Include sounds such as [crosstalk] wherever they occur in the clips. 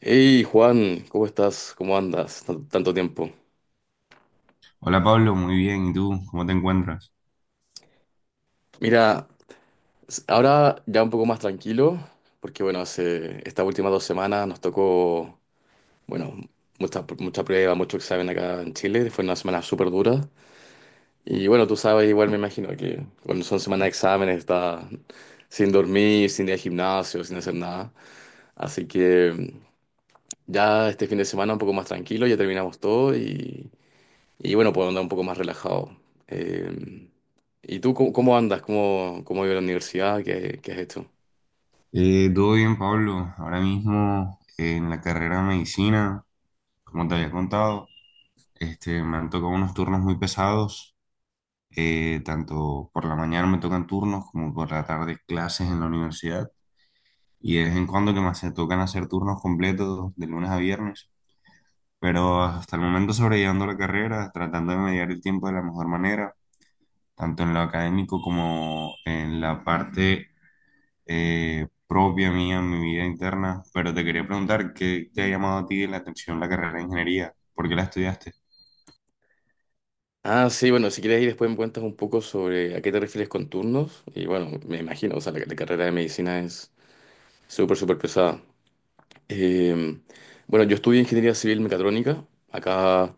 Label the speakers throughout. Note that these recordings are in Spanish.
Speaker 1: Hey Juan, ¿cómo estás? ¿Cómo andas? Tanto tiempo.
Speaker 2: Hola Pablo, muy bien. ¿Y tú? ¿Cómo te encuentras?
Speaker 1: Mira, ahora ya un poco más tranquilo, porque bueno, hace estas últimas 2 semanas nos tocó, bueno, mucha, mucha prueba, mucho examen acá en Chile, fue una semana súper dura. Y bueno, tú sabes, igual me imagino que cuando son semanas de exámenes estás sin dormir, sin ir al gimnasio, sin hacer nada. Así que ya este fin de semana un poco más tranquilo, ya terminamos todo. Y bueno, puedo andar un poco más relajado. Eh, ¿Y tú cómo andas? ¿Cómo ha ido la universidad? ¿Qué has hecho?
Speaker 2: Todo bien, Pablo. Ahora mismo en la carrera de medicina, como te había contado, me han tocado unos turnos muy pesados. Tanto por la mañana me tocan turnos como por la tarde clases en la universidad. Y de vez en cuando que tocan hacer turnos completos de lunes a viernes. Pero hasta el momento sobrellevando la carrera, tratando de mediar el tiempo de la mejor manera, tanto en lo académico como en la parte propia mía, en mi vida interna. Pero te quería preguntar, ¿qué te ha llamado a ti la atención la carrera de ingeniería? ¿Por qué la estudiaste?
Speaker 1: Ah, sí, bueno, si quieres ir después me cuentas un poco sobre a qué te refieres con turnos. Y bueno, me imagino, o sea, la carrera de medicina es súper, súper pesada. Eh, bueno, yo estudié ingeniería civil mecatrónica. Acá,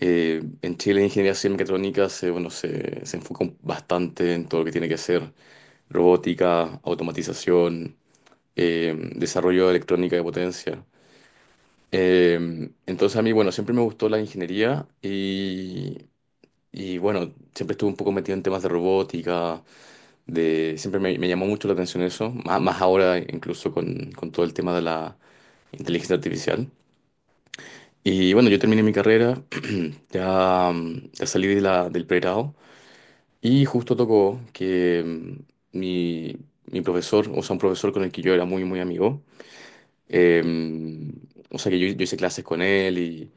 Speaker 1: en Chile, ingeniería civil mecatrónica bueno, se enfoca bastante en todo lo que tiene que ser robótica, automatización, desarrollo de electrónica de potencia. Entonces a mí, bueno, siempre me gustó la ingeniería y, bueno, siempre estuve un poco metido en temas de robótica, siempre me llamó mucho la atención eso, más, más ahora incluso con todo el tema de la inteligencia artificial. Y bueno, yo terminé mi carrera. [clears throat] Ya, ya salí de del pregrado y justo tocó que mi profesor, o sea, un profesor con el que yo era muy, muy amigo, eh, o sea que yo hice clases con él y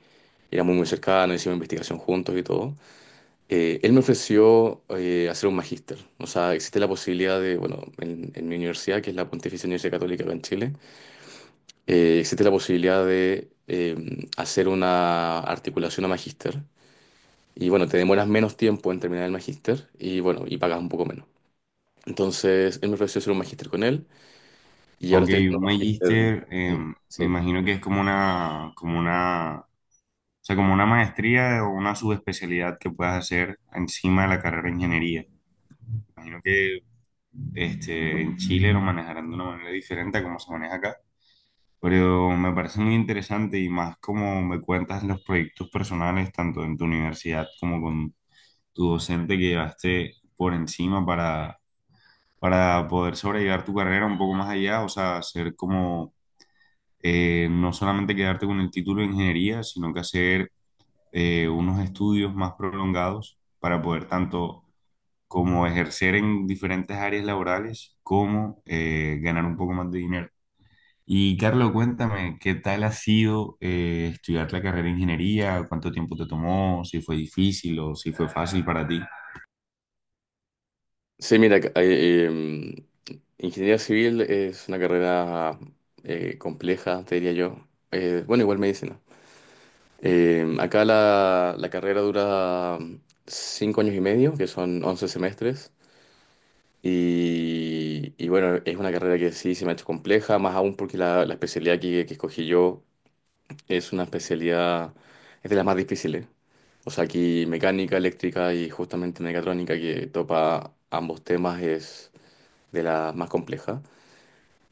Speaker 1: éramos muy cercanos, hicimos investigación juntos y todo. Él me ofreció hacer un magíster. O sea, existe la posibilidad de, bueno, en mi universidad, que es la Pontificia Universidad Católica acá en Chile, existe la posibilidad de hacer una articulación a magíster. Y bueno, te demoras menos tiempo en terminar el magíster y bueno, y pagas un poco menos. Entonces, él me ofreció hacer un magíster con él y ahora
Speaker 2: Ok,
Speaker 1: estoy
Speaker 2: un
Speaker 1: haciendo un
Speaker 2: magíster,
Speaker 1: magíster.
Speaker 2: me
Speaker 1: Sí.
Speaker 2: imagino que es como una, o sea, como una maestría o una subespecialidad que puedas hacer encima de la carrera de ingeniería. Imagino que en Chile lo manejarán de una manera diferente a como se maneja acá. Pero me parece muy interesante, y más como me cuentas los proyectos personales, tanto en tu universidad como con tu docente que llevaste por encima para poder sobrellevar tu carrera un poco más allá, o sea, hacer como no solamente quedarte con el título de ingeniería, sino que hacer unos estudios más prolongados para poder tanto como ejercer en diferentes áreas laborales como ganar un poco más de dinero. Y Carlos, cuéntame, ¿qué tal ha sido estudiar la carrera de ingeniería? ¿Cuánto tiempo te tomó? ¿Si fue difícil o si fue fácil para ti?
Speaker 1: Sí, mira, ingeniería civil es una carrera compleja, te diría yo. Bueno, igual medicina. Acá la carrera dura 5 años y medio, que son 11 semestres. Y bueno, es una carrera que sí se me ha hecho compleja, más aún porque la especialidad que escogí yo es una especialidad, es de las más difíciles. O sea, aquí mecánica, eléctrica y justamente mecatrónica que topa ambos temas es de las más complejas.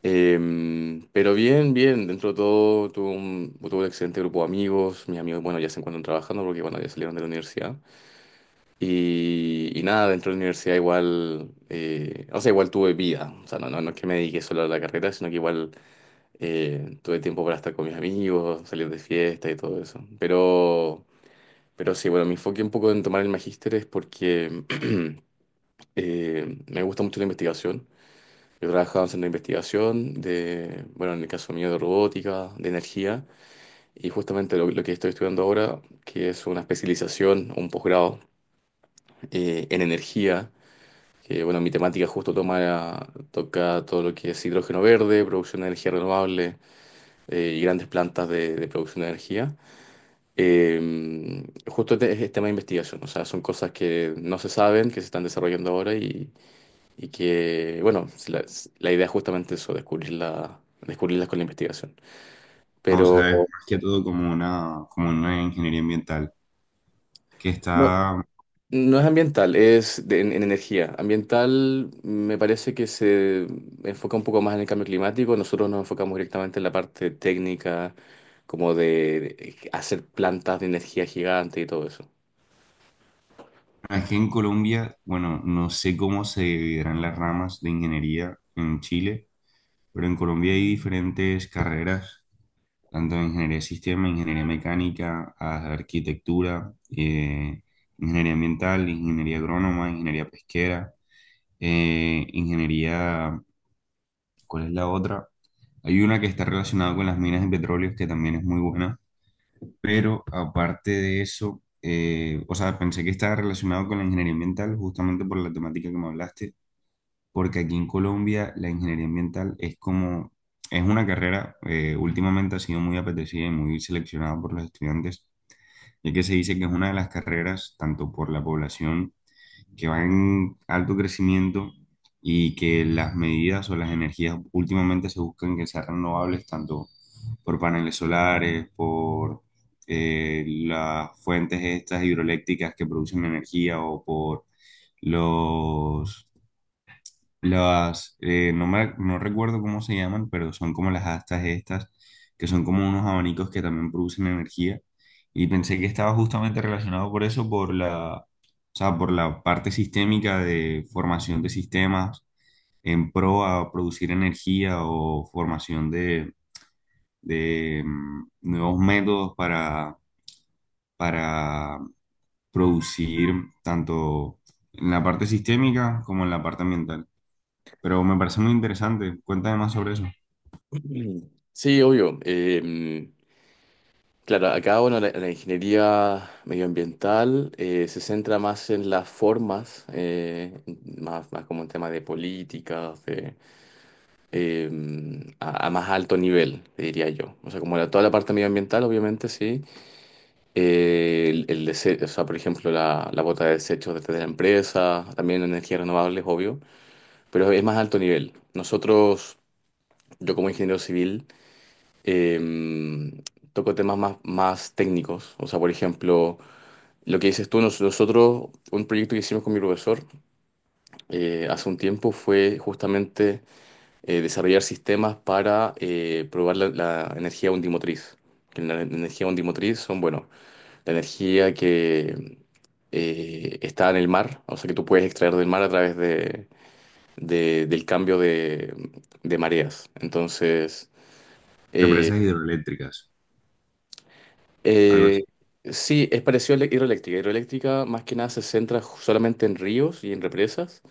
Speaker 1: Pero bien, bien, dentro de todo tuve un excelente grupo de amigos, mis amigos, bueno, ya se encuentran trabajando porque, bueno, ya salieron de la universidad. Y nada, dentro de la universidad igual, o sea, igual tuve vida, o sea, no, no, no es que me dediqué solo a la carrera, sino que igual tuve tiempo para estar con mis amigos, salir de fiesta y todo eso. Pero sí, bueno, me enfoqué un poco en tomar el magíster es porque [clears throat] me gusta mucho la investigación. Yo trabajaba en una investigación de, bueno, en el caso mío de robótica, de energía, y justamente lo que estoy estudiando ahora, que es una especialización, un posgrado en energía, que bueno, mi temática justo toca todo lo que es hidrógeno verde, producción de energía renovable y grandes plantas de producción de energía. Eh, Justo este es tema de investigación, o sea, son cosas que no se saben, que se están desarrollando ahora y que, bueno, si la, si, la idea es justamente eso, descubrirlas con la investigación.
Speaker 2: Ah, o
Speaker 1: Pero
Speaker 2: sea, es más que todo como una ingeniería ambiental, que
Speaker 1: no,
Speaker 2: está...
Speaker 1: no es ambiental, es en energía. Ambiental me parece que se enfoca un poco más en el cambio climático. Nosotros nos enfocamos directamente en la parte técnica, como de hacer plantas de energía gigante y todo eso.
Speaker 2: Es que en Colombia, bueno, no sé cómo se dividirán las ramas de ingeniería en Chile, pero en Colombia hay diferentes carreras, tanto de ingeniería de sistema, ingeniería mecánica, arquitectura, ingeniería ambiental, ingeniería agrónoma, ingeniería pesquera, ingeniería, ¿cuál es la otra? Hay una que está relacionada con las minas de petróleo que también es muy buena. Pero aparte de eso, o sea, pensé que estaba relacionado con la ingeniería ambiental justamente por la temática que me hablaste, porque aquí en Colombia la ingeniería ambiental es como... Es una carrera, últimamente ha sido muy apetecida y muy seleccionada por los estudiantes, ya que se dice que es una de las carreras, tanto por la población, que va en alto crecimiento, y que las medidas o las energías últimamente se buscan que sean renovables, tanto por paneles solares, por las fuentes estas hidroeléctricas que producen energía, o por los no recuerdo cómo se llaman, pero son como las astas estas, que son como unos abanicos que también producen energía. Y pensé que estaba justamente relacionado por eso, por la, o sea, por la parte sistémica de formación de sistemas en pro a producir energía, o formación de nuevos métodos para producir tanto en la parte sistémica como en la parte ambiental. Pero me parece muy interesante. Cuéntame más sobre eso.
Speaker 1: [clears throat] Sí, obvio. Claro, acá bueno, la ingeniería medioambiental se centra más en las formas, más, más como en temas de políticas, eh, a más alto nivel, te diría yo. O sea, como toda la parte medioambiental, obviamente, sí. O sea, por ejemplo, la bota de desechos desde la empresa, también energías renovables, obvio, pero es más alto nivel. Nosotros, yo como ingeniero civil, eh, toco temas más, más técnicos. O sea, por ejemplo, lo que dices tú, nosotros, un proyecto que hicimos con mi profesor hace un tiempo fue justamente desarrollar sistemas para probar la energía undimotriz. Que la energía undimotriz son, bueno, la energía que está en el mar, o sea, que tú puedes extraer del mar a través del cambio de mareas. Entonces, eh,
Speaker 2: Represas hidroeléctricas, algo
Speaker 1: eh,
Speaker 2: así.
Speaker 1: sí, es parecido a la hidroeléctrica. Hidroeléctrica más que nada se centra solamente en ríos y en represas.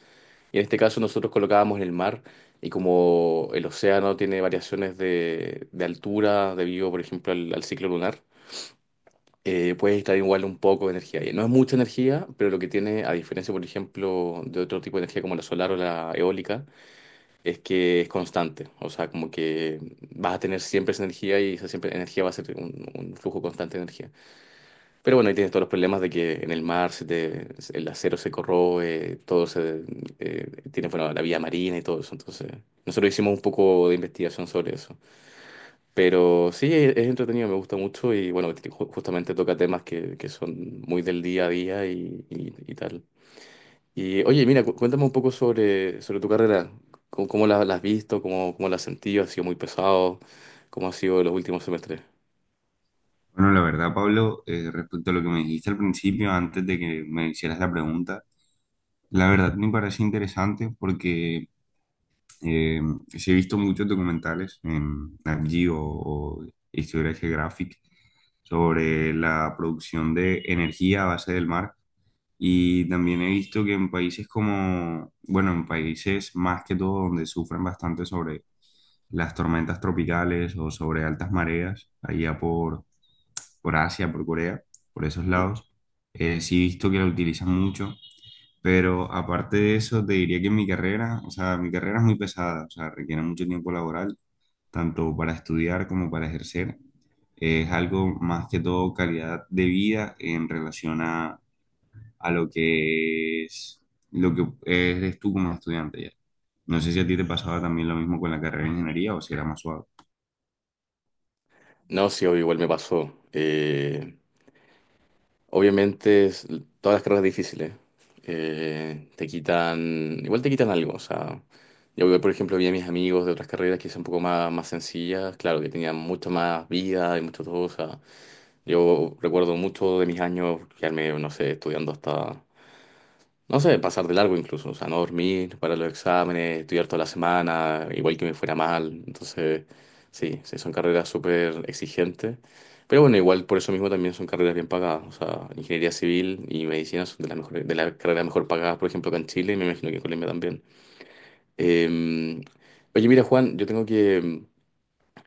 Speaker 1: Y en este caso nosotros colocábamos en el mar y como el océano tiene variaciones de altura debido, por ejemplo, al ciclo lunar, puedes estar igual un poco de energía ahí. No es mucha energía, pero lo que tiene, a diferencia, por ejemplo, de otro tipo de energía como la solar o la eólica, es que es constante. O sea, como que vas a tener siempre esa energía y esa siempre energía va a ser un flujo constante de energía. Pero bueno, ahí tienes todos los problemas de que en el mar el acero se corroe, todo tiene bueno, la vía marina y todo eso. Entonces, nosotros hicimos un poco de investigación sobre eso. Pero sí, es entretenido, me gusta mucho y bueno, justamente toca temas que son muy del día a día y tal. Y oye, mira, cuéntame un poco sobre tu carrera. ¿Cómo la has visto? ¿Cómo la has sentido? ¿Ha sido muy pesado? ¿Cómo ha sido los últimos semestres?
Speaker 2: Bueno, la verdad, Pablo, respecto a lo que me dijiste al principio, antes de que me hicieras la pregunta, la verdad me parece interesante, porque eh, sí he visto muchos documentales en Nat Geo o Historia Geographic sobre la producción de energía a base del mar. Y también he visto que en países como, bueno, en países más que todo donde sufren bastante sobre las tormentas tropicales o sobre altas mareas, allá por Asia, por Corea, por esos
Speaker 1: Mm.
Speaker 2: lados. Sí he visto que la utilizan mucho, pero aparte de eso, te diría que mi carrera, o sea, mi carrera es muy pesada, o sea, requiere mucho tiempo laboral, tanto para estudiar como para ejercer. Es algo más que todo calidad de vida en relación a lo que es, lo que eres tú como estudiante ya. No sé si a ti te pasaba también lo mismo con la carrera de ingeniería o si era más suave.
Speaker 1: No, sí, obvio, igual me pasó. Obviamente, todas las carreras difíciles te quitan, igual te quitan algo. O sea, yo, por ejemplo, vi a mis amigos de otras carreras que son un poco más, más sencillas, claro, que tenían mucha más vida y mucho todo. O sea, yo recuerdo mucho de mis años quedarme, no sé, estudiando hasta no sé, pasar de largo incluso, o sea, no dormir para los exámenes, estudiar toda la semana, igual que me fuera mal. Entonces, sí, sí, son carreras súper exigentes. Pero bueno, igual por eso mismo también son carreras bien pagadas. O sea, ingeniería civil y medicina son de las mejores, de las carreras mejor pagadas, por ejemplo, acá en Chile y me imagino que en Colombia también. Eh, Oye, mira, Juan, yo tengo que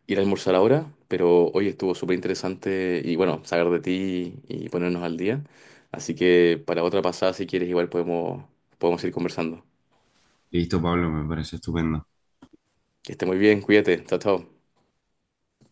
Speaker 1: ir a almorzar ahora, pero hoy estuvo súper interesante y bueno, saber de ti y ponernos al día. Así que para otra pasada, si quieres, igual podemos ir conversando.
Speaker 2: Listo, Pablo, me parece estupendo.
Speaker 1: Que esté muy bien, cuídate, chao, chao.